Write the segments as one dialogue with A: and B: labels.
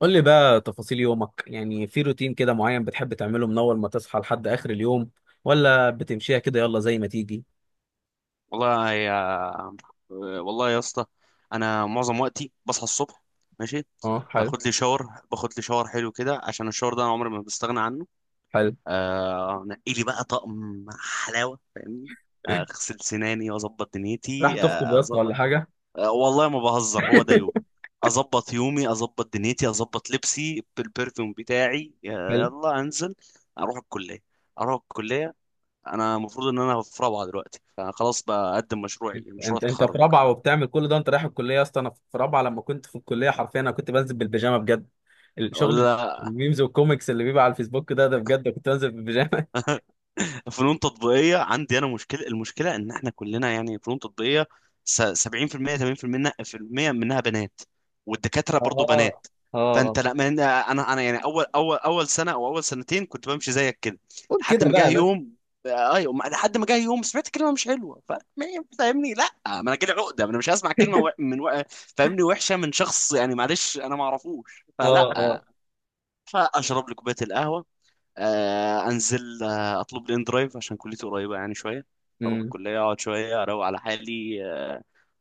A: قول لي بقى تفاصيل يومك، يعني في روتين كده معين بتحب تعمله من اول ما تصحى لحد اخر اليوم، ولا بتمشيها كده يلا زي ما تيجي؟
B: والله يا والله يا اسطى، انا معظم وقتي بصحى الصبح. ماشي.
A: اه، حلو.
B: باخد لي شاور حلو كده، عشان الشاور ده انا عمري ما بستغنى عنه.
A: حلو.
B: آه، نقي لي بقى طقم حلاوه، فاهمني؟ اغسل سناني واظبط
A: راح
B: دنيتي.
A: تخطب يا اسطى ولا حاجه؟
B: آه والله ما بهزر، هو ده يوم. اظبط يومي، اظبط دنيتي، اظبط لبسي بالبرفيوم بتاعي.
A: حلو.
B: يلا انزل اروح الكليه اروح الكليه. انا المفروض ان في رابعه دلوقتي، فانا خلاص بقدم مشروعي، مشروع
A: انت في
B: التخرج.
A: رابعه وبتعمل كل ده؟ انت رايح الكليه يا اسطى؟ انا في رابعه لما كنت في الكليه حرفيا انا كنت بنزل بالبيجامه بجد. الشغل،
B: ولا
A: الميمز والكوميكس اللي بيبقى على الفيسبوك ده بجد كنت بنزل بالبيجامه.
B: فنون تطبيقية عندي. أنا المشكلة إن إحنا كلنا يعني فنون تطبيقية. 70% 80% في المية منها بنات، والدكاترة برضو
A: اه
B: بنات.
A: اه
B: فأنت،
A: اه.
B: لا، ما أنا يعني أول سنة أو أول سنتين كنت بمشي زيك كده،
A: قول
B: لحد
A: كده
B: ما
A: بقى
B: جه
A: يا باشا.
B: يوم. آه، أيوة ما- لحد ما جه يوم سمعت كلمة مش حلوة. ف- ما فاهمني؟ لا، ما أنا كده عقدة. ما أنا مش هسمع كلمة فاهمني، وحشة من شخص يعني. معلش، أنا ما أعرفوش،
A: اه
B: فلا.
A: اه.
B: فأشرب لي كوباية القهوة. انزل. اطلب لي ان درايف عشان كليتي قريبه يعني شويه. اروح
A: امم.
B: الكليه، اقعد شويه، اروق على حالي. آه،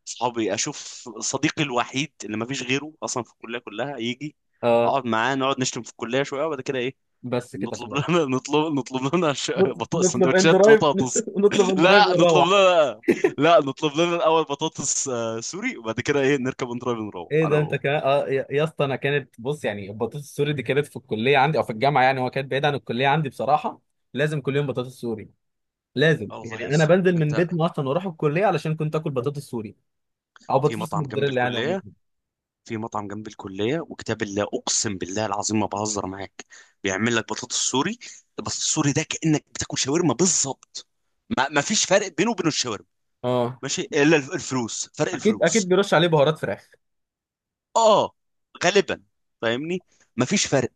B: صحابي اشوف صديقي الوحيد اللي ما فيش غيره اصلا في الكليه كلها، يجي
A: اه.
B: اقعد معاه، نقعد نشتم في الكليه شويه، وبعد كده ايه؟
A: بس كده
B: نطلب
A: خلاص.
B: لنا نطلب لنا بطاطس،
A: نطلب ان
B: سندوتشات
A: درايف.
B: بطاطس.
A: نطلب ان درايف
B: لا نطلب
A: ونروح.
B: لنا لا نطلب لنا الاول بطاطس سوري، وبعد كده ايه؟ نركب ان درايف نروح
A: ايه
B: انا
A: ده؟ انت
B: وهو.
A: كمان؟ اه، يا يا اسطى، انا كانت، بص يعني، البطاطس السوري دي كانت في الكليه عندي او في الجامعه، يعني هو كانت بعيد عن الكليه عندي بصراحه. لازم كل يوم بطاطس سوري. لازم
B: اه والله يا
A: يعني، انا
B: اسطى،
A: بنزل من
B: انت
A: بيتنا اصلا واروح الكليه علشان كنت اكل بطاطس سوري، او
B: في
A: بطاطس
B: مطعم جنب
A: موتزاريلا يعني عموما.
B: الكليه في مطعم جنب الكليه، وكتاب الله اقسم بالله العظيم ما بهزر معاك، بيعمل لك بطاطس سوري. البطاطس السوري ده كانك بتاكل شاورما بالظبط. ما فيش فرق بينه وبين الشاورما.
A: اه،
B: ماشي؟ الا الفلوس، فرق
A: اكيد اكيد
B: الفلوس.
A: بيرش عليه بهارات فراخ.
B: اه، غالبا. فاهمني؟ ما فيش فرق.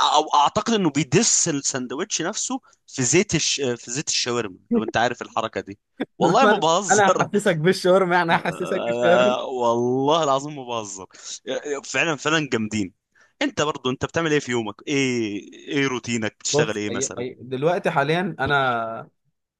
B: او اعتقد انه بيدس الساندوتش نفسه في زيت الشاورما، لو انت عارف الحركه دي. والله ما
A: انا، أنا
B: بهزر.
A: هحسسك بالشاورما، يعني هحسسك بالشاورما.
B: آه، والله العظيم ما بهزر. فعلا فعلا جامدين. انت برضو، انت بتعمل ايه في يومك؟ ايه ايه روتينك؟ بتشتغل
A: بص،
B: ايه
A: أي
B: مثلا؟
A: أي دلوقتي حاليا انا،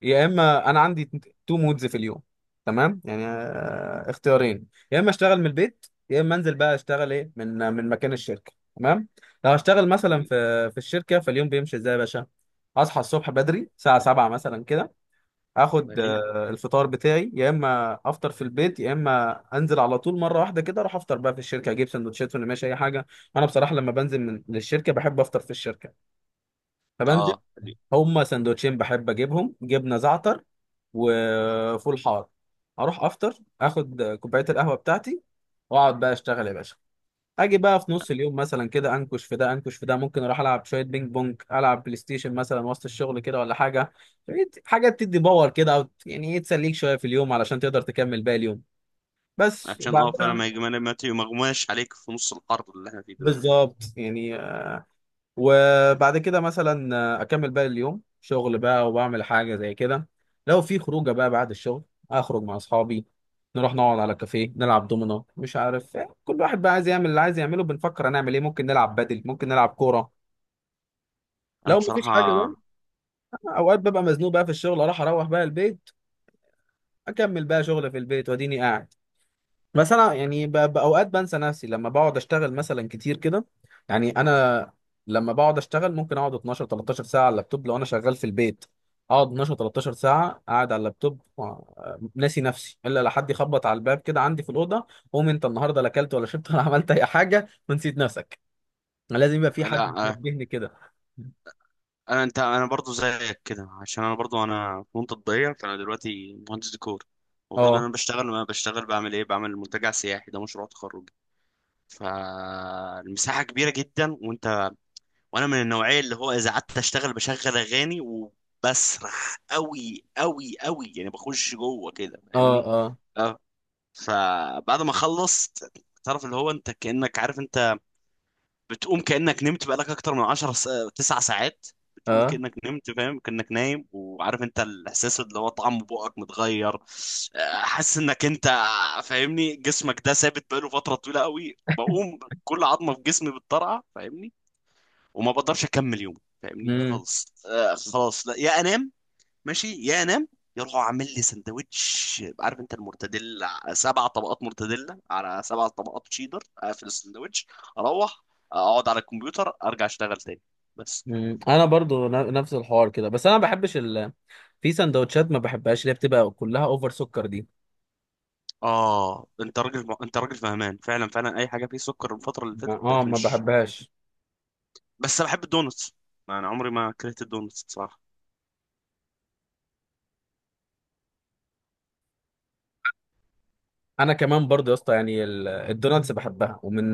A: يا اما انا عندي تو مودز في اليوم، تمام؟ يعني اختيارين، يا اما اشتغل من البيت، يا اما انزل بقى اشتغل ايه، من من مكان الشركه، تمام؟ لو هشتغل مثلا في الشركه، فاليوم بيمشي ازاي يا باشا؟ اصحى الصبح بدري الساعه 7 مثلا كده،
B: الله
A: اخد
B: يعينك.
A: الفطار بتاعي، يا اما افطر في البيت، يا اما انزل على طول مره واحده كده اروح افطر بقى في الشركه، اجيب سندوتشات ولا ماشي اي حاجه. انا بصراحه لما بنزل من للشركه بحب افطر في الشركه. فبنزل،
B: اه،
A: هما سندوتشين بحب اجيبهم، جبنه زعتر وفول حار. اروح افطر، اخد كوبايه القهوه بتاعتي، واقعد بقى اشتغل يا باشا. اجي بقى في نص اليوم مثلا كده، انكش في ده انكش في ده، ممكن اروح العب شويه بينج بونج، العب بلاي ستيشن مثلا وسط الشغل كده ولا حاجه. حاجه تدي باور كده، او يعني ايه، تسليك شويه في اليوم علشان تقدر تكمل باقي اليوم. بس.
B: عشان اه فعلا
A: وبعدها
B: ما يجي- ما مغماش عليك في نص الحر اللي احنا فيه دلوقتي ده.
A: بالظبط يعني، وبعد كده مثلا اكمل باقي اليوم شغل بقى، وبعمل حاجه زي كده. لو في خروجه بقى بعد الشغل، اخرج مع اصحابي، نروح نقعد على كافيه نلعب دومينو مش عارف إيه. كل واحد بقى عايز يعمل اللي عايز يعمله، بنفكر هنعمل ايه، ممكن نلعب بدل، ممكن نلعب كوره.
B: انا
A: لو مفيش حاجه
B: بصراحة،
A: بقى، اوقات ببقى مزنوق بقى في الشغل، اروح بقى البيت، اكمل بقى شغل في البيت واديني قاعد. بس انا يعني باوقات بنسى نفسي لما بقعد اشتغل مثلا كتير كده. يعني انا لما بقعد اشتغل ممكن اقعد 12 13 ساعه على اللابتوب لو انا شغال في البيت، اقعد 12 13 ساعه قاعد على اللابتوب ناسي نفسي، الا لحد يخبط على الباب كده عندي في الاوضه: قوم انت النهارده لا اكلت ولا شربت ولا عملت اي حاجه ونسيت نفسك. لازم يبقى في حد
B: لا.
A: بينبهني كده.
B: انا برضو زيك كده، عشان انا برضو انا في منطقة ضيقة. فانا دلوقتي مهندس ديكور، المفروض ان
A: اه
B: انا بشتغل. ما بشتغل بعمل ايه؟ بعمل منتجع سياحي، ده مشروع تخرجي. فالمساحة كبيرة جدا، وانا من النوعيه اللي هو اذا قعدت اشتغل بشغل اغاني وبسرح قوي قوي قوي، يعني بخش جوه كده،
A: اه
B: فاهمني؟
A: اه
B: اه. فبعد ما خلصت، تعرف اللي هو انت كانك عارف، انت بتقوم كانك نمت بقالك اكتر من 9 ساعات. بتقوم كانك نمت، فاهم؟ كانك نايم، وعارف انت الاحساس اللي هو طعم بقك متغير. آه، حاسس انك انت، فاهمني، جسمك ده ثابت بقاله فتره طويله قوي. بقوم كل عظمه في جسمي بتطرقع، فاهمني؟ وما بقدرش اكمل يوم، فاهمني
A: اه.
B: خالص. آه، خلاص لا، يا انام ماشي، يا انام. يروحوا عامل لي سندوتش، عارف انت، المرتديلا سبع طبقات مرتديلا على سبع طبقات تشيدر، اقفل السندوتش. اروح اقعد على الكمبيوتر، ارجع اشتغل تاني بس.
A: مم. انا برضو نفس الحوار كده، بس انا ما بحبش في سندوتشات ما بحبهاش اللي هي بتبقى كلها اوفر سكر دي.
B: اه، انت راجل، انت راجل فهمان. فعلا فعلا اي حاجه فيه سكر الفتره اللي
A: ما-
B: فاتت
A: اه
B: بقت
A: ما
B: مش.
A: بحبهاش.
B: بس انا بحب الدونتس، انا عمري ما كرهت الدونتس بصراحه.
A: انا كمان برضو يا اسطى يعني الدوناتس بحبها، ومن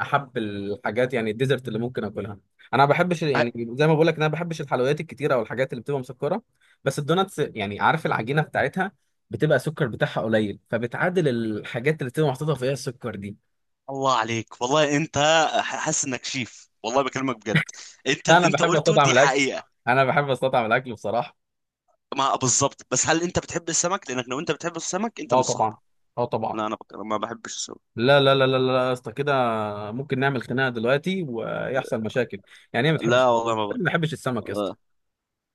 A: احب الحاجات، يعني الديزرت اللي ممكن اكلها. انا ما بحبش يعني زي ما بقول لك، انا ما بحبش الحلويات الكتيره او الحاجات اللي بتبقى مسكره، بس الدوناتس يعني عارف العجينه بتاعتها بتبقى السكر بتاعها قليل، فبتعادل الحاجات اللي بتبقى محطوطه فيها السكر دي.
B: الله عليك، والله انت حاسس انك شيف، والله بكلمك بجد. انت اللي
A: انا
B: انت
A: بحب
B: قلته
A: استطعم
B: دي
A: الاكل،
B: حقيقة.
A: انا بحب استطعم الاكل بصراحه.
B: ما بالظبط. بس هل انت بتحب السمك؟ لانك لو انت بتحب السمك انت
A: اه
B: مش صاحبي.
A: طبعا. اه طبعا.
B: لا، ما بحبش السمك.
A: لا لا لا لا لا يا اسطى، كده ممكن نعمل خناقه دلوقتي ويحصل مشاكل. يعني ايه ما بتحبش،
B: لا
A: ما
B: والله ما ب...
A: بتحبش السمك يا اسطى؟
B: آه،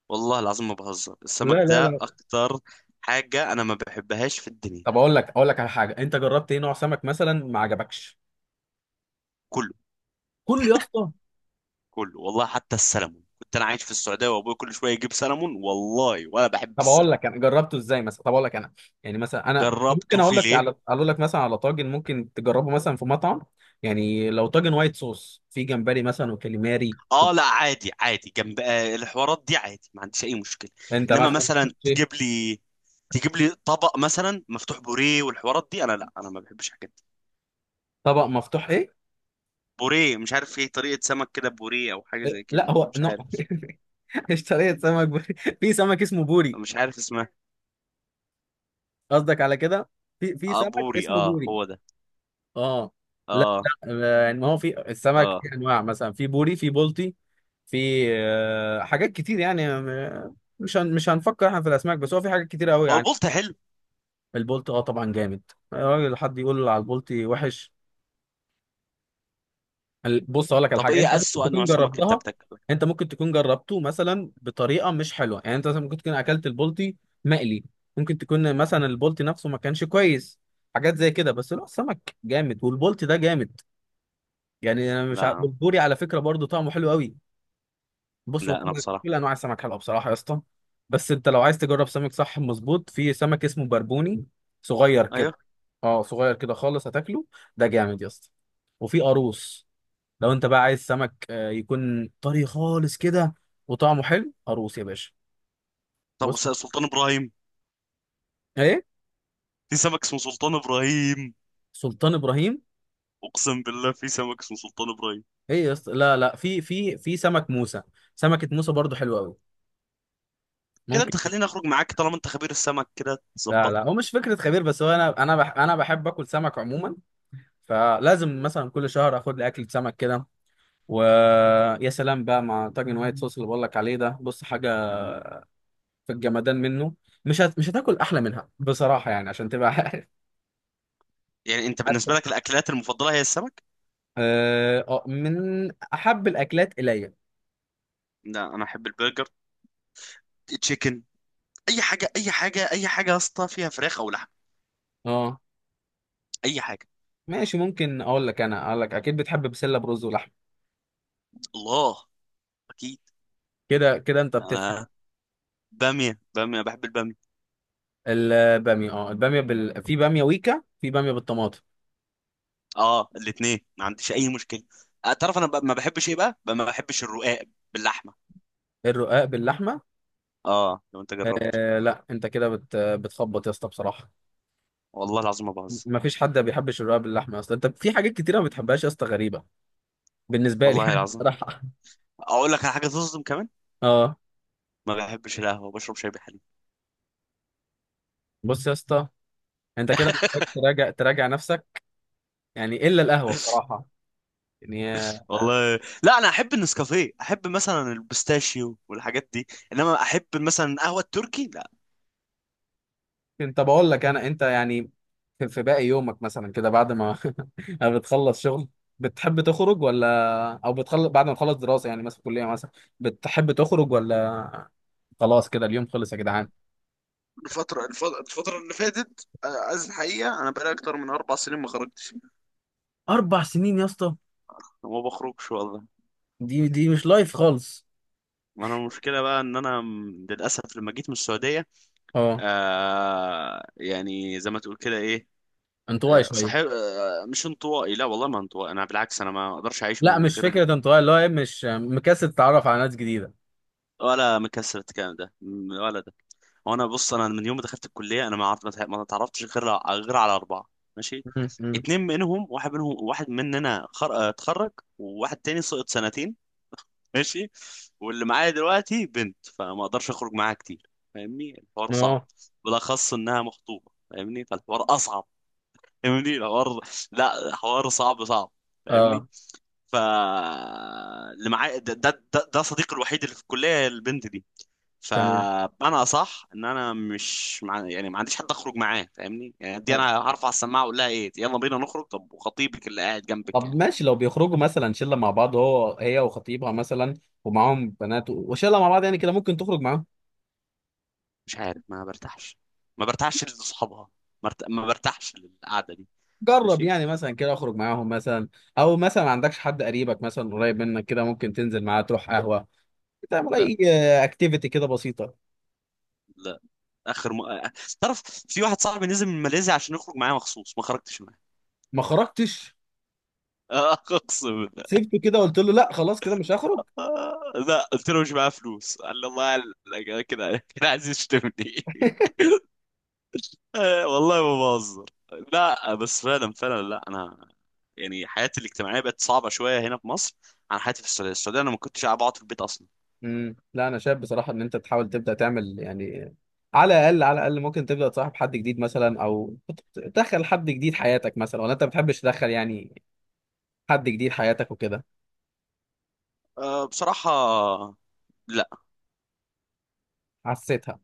B: والله العظيم ما بهزر، السمك
A: لا لا
B: ده
A: لا.
B: اكتر حاجة انا ما بحبهاش في الدنيا.
A: طب اقول لك، اقول لك على حاجه، انت جربت ايه نوع سمك مثلا ما عجبكش؟
B: كله،
A: كل يا اسطى؟
B: كله والله، حتى السلمون. كنت انا عايش في السعودية وابوي كل شوية يجيب سلمون، والله ولا بحب
A: طب اقول
B: السلمون.
A: لك انا جربته ازاي مثلا، طب اقول لك انا، يعني مثلا انا ممكن
B: جربته
A: اقول لك
B: فيليه.
A: على، اقول لك مثلا على طاجن ممكن تجربه مثلا في مطعم، يعني لو طاجن وايت صوص في جمبري مثلا وكاليماري.
B: اه لا، عادي عادي، جنب الحوارات دي عادي، ما عنديش اي مشكله.
A: انت
B: انما
A: مثلا،
B: مثلا تجيب لي طبق مثلا مفتوح بوريه والحوارات دي، انا لا، انا ما بحبش الحاجات دي.
A: طبق مفتوح ايه؟
B: بوريه مش عارف ايه، طريقه سمك كده بوريه او حاجه
A: إيه؟
B: زي
A: لا
B: كده،
A: هو
B: مش
A: نوع.
B: عارف.
A: اشتريت سمك بوري، في سمك اسمه بوري.
B: مش عارف اسمها.
A: قصدك على كده؟ في في
B: اه
A: سمك
B: بوري،
A: اسمه
B: اه
A: بوري.
B: هو ده.
A: اه. لا
B: اه.
A: لا، يعني ما هو في السمك
B: اه،
A: في انواع، مثلا في بوري، في بولتي، في حاجات كتير يعني، مش هن مش هنفكر احنا في الاسماك، بس هو في حاجات كتير قوي
B: هو
A: يعني.
B: البلطي حلو؟
A: البولتي اه طبعا جامد. الراجل، حد يقول على البولتي وحش؟ بص اقول لك على
B: طب
A: حاجه، انت
B: ايه
A: ممكن
B: اسوأ
A: تكون
B: نوع سمك انت
A: جربتها،
B: بتاكله؟
A: انت ممكن تكون جربته مثلا بطريقه مش حلوه، يعني انت مثلا ممكن تكون اكلت البلطي مقلي، ممكن تكون مثلا البلطي نفسه ما كانش كويس، حاجات زي كده، بس لا السمك جامد والبلطي ده جامد. يعني انا مش عارف،
B: لا
A: البوري على فكره برضو طعمه حلو قوي. بص هو
B: لا،
A: كل
B: انا بصراحه.
A: كل انواع السمك حلوه بصراحه يا اسطى. بس انت لو عايز تجرب سمك صح مظبوط، في سمك اسمه بربوني، صغير كده،
B: ايوه.
A: اه صغير كده خالص، هتاكله ده جامد يا اسطى. وفي قاروص، لو انت بقى عايز سمك يكون طري خالص كده وطعمه حلو، اروس يا باشا. بص.
B: سلطان ابراهيم.
A: ايه؟
B: في سمك اسمه سلطان ابراهيم.
A: سلطان ابراهيم؟
B: اقسم بالله في سمك اسمه سلطان ابراهيم.
A: ايه يا اسطى، لا لا، في في سمك موسى، سمكة موسى برضو حلوة قوي،
B: كده
A: ممكن.
B: انت خليني اخرج معاك طالما انت خبير السمك كده،
A: لا لا،
B: تظبطني.
A: هو مش فكرة خبير، بس هو انا، انا بح انا بحب اكل سمك عموما، فلازم مثلا كل شهر اخد لي اكلة سمك كده. ويا سلام بقى مع طاجن وايت صوص اللي بقول لك عليه ده، بص حاجة في الجمدان منه، مش هتاكل احلى منها بصراحة يعني، عشان تبقى.
B: يعني انت
A: عارف؟
B: بالنسبه لك الاكلات المفضله هي السمك؟
A: اه، من احب الاكلات الي.
B: لا انا احب البرجر، تشيكن، اي حاجه اي حاجه اي حاجه يا اسطى فيها فراخ او لحم.
A: اه
B: اي حاجه.
A: ماشي، ممكن اقول لك انا، اقول لك اكيد بتحب بسله برز ولحم.
B: الله، اكيد.
A: كده كده انت بتفهم.
B: آه. باميه، باميه، بحب الباميه.
A: الباميه اه، الباميه في باميه ويكا، في باميه بالطماطم.
B: اه الاثنين ما عنديش اي مشكله. آه، تعرف انا ما بحبش ايه بقى؟ ما بحبش الرقاق باللحمه.
A: الرقاق باللحمه؟
B: اه لو انت جربت.
A: آه لا، انت كده بتخبط يا اسطى بصراحه.
B: والله العظيم ما بهزر.
A: مفيش حد ما بيحبش الرقاق باللحمه اصلا، انت في حاجات كتيره ما بتحبهاش يا اسطى، غريبه بالنسبه لي
B: والله
A: يعني
B: العظيم.
A: بصراحه.
B: اقول لك على حاجه تصدم كمان.
A: اه،
B: ما بحبش القهوه، بشرب شاي بحليب.
A: بص يا اسطى، انت كده محتاج تراجع، تراجع نفسك. يعني الا القهوه بصراحه يعني.
B: والله لا، انا احب النسكافيه، احب مثلا البستاشيو والحاجات دي. انما احب مثلا قهوه التركي لا.
A: انت بقول لك انا، انت يعني في في باقي يومك مثلا كده، بعد ما بتخلص شغل بتحب تخرج ولا؟ او بتخلص، بعد ما تخلص دراسة يعني، مثلا كلية مثلا، بتحب تخرج ولا؟ خلاص كده اليوم خلص يا جدعان؟
B: الفترة اللي فاتت عايز الحقيقة أنا بقالي أكتر من أربع سنين ما خرجتش.
A: اربع سنين يا اسطى؟
B: ما بخرجش والله.
A: دي دي مش لايف خالص.
B: ما انا المشكله بقى ان انا للاسف لما جيت من السعوديه،
A: اه،
B: آه يعني زي ما تقول كده ايه.
A: انطوائي
B: آه
A: شوية.
B: صحيح، آه مش انطوائي، لا والله ما انطوائي. انا بالعكس، انا ما اقدرش اعيش
A: لا
B: من
A: مش
B: غير.
A: فكرة انطوائي، اللي هو ايه، مش مكسل تتعرف على ناس جديدة.
B: ولا مكسر، الكلام ده ولا ده. وانا، بص، انا من يوم ما دخلت الكليه انا ما عرفت، ما اتعرفتش غير، غير على اربعه. ماشي.
A: م- م.
B: اتنين منهم، واحد منهم، اتخرج، وواحد تاني سقط سنتين. ماشي. واللي معايا دلوقتي بنت، فما اقدرش اخرج معاها كتير، فاهمني الحوار صعب،
A: اه
B: بالاخص انها مخطوبه. فاهمني فالحوار اصعب. فاهمني الحوار لا حوار صعب صعب. فاهمني.
A: اه.
B: ف، اللي معايا ده صديقي الوحيد اللي في الكليه، البنت دي.
A: تمام.
B: فانا صح ان انا مش مع... يعني ما عنديش حد اخرج معاه، فاهمني يعني. دي انا هرفع السماعه اقول لها ايه؟ يلا بينا نخرج، طب وخطيبك اللي قاعد جنبك
A: طب
B: يعني.
A: ماشي، لو بيخرجوا مثلا شله مع بعض، هو هي وخطيبها مثلا، ومعاهم بنات وشله مع بعض يعني، كده ممكن تخرج معاهم.
B: مش عارف، ما برتاحش، ما برتاحش لاصحابها. ما برتاحش للقعده دي.
A: جرب
B: ماشي.
A: يعني مثلا كده، اخرج معاهم مثلا، او مثلا ما عندكش حد قريبك مثلا قريب منك كده ممكن تنزل معاه، تروح قهوه، تعمل
B: لا
A: اي اكتيفيتي كده بسيطه.
B: لا. آه، تعرف، في واحد صاحبي نزل من ماليزيا عشان يخرج معايا مخصوص، ما خرجتش معاه.
A: ما خرجتش؟
B: آه، اقسم بالله.
A: سيبته كده، قلت له لا خلاص كده مش هخرج؟
B: آه، لا قلت له مش معايا فلوس، قال لي الله، قال لك كده كده عايز يشتمني. آه، والله ما بهزر. لا بس فعلا فعلا، لا انا يعني حياتي الاجتماعيه بقت صعبه شويه هنا في مصر، عن حياتي في السعوديه. السعوديه انا ما كنتش قاعد بقعد في البيت اصلا.
A: امم. لا انا شايف بصراحه ان انت تحاول تبدا تعمل يعني، على الاقل، على الاقل ممكن تبدا تصاحب حد جديد مثلا، او تدخل حد جديد حياتك مثلا، ولا انت ما بتحبش تدخل يعني حد جديد حياتك وكده؟
B: أه بصراحه، لا.
A: حسيتها.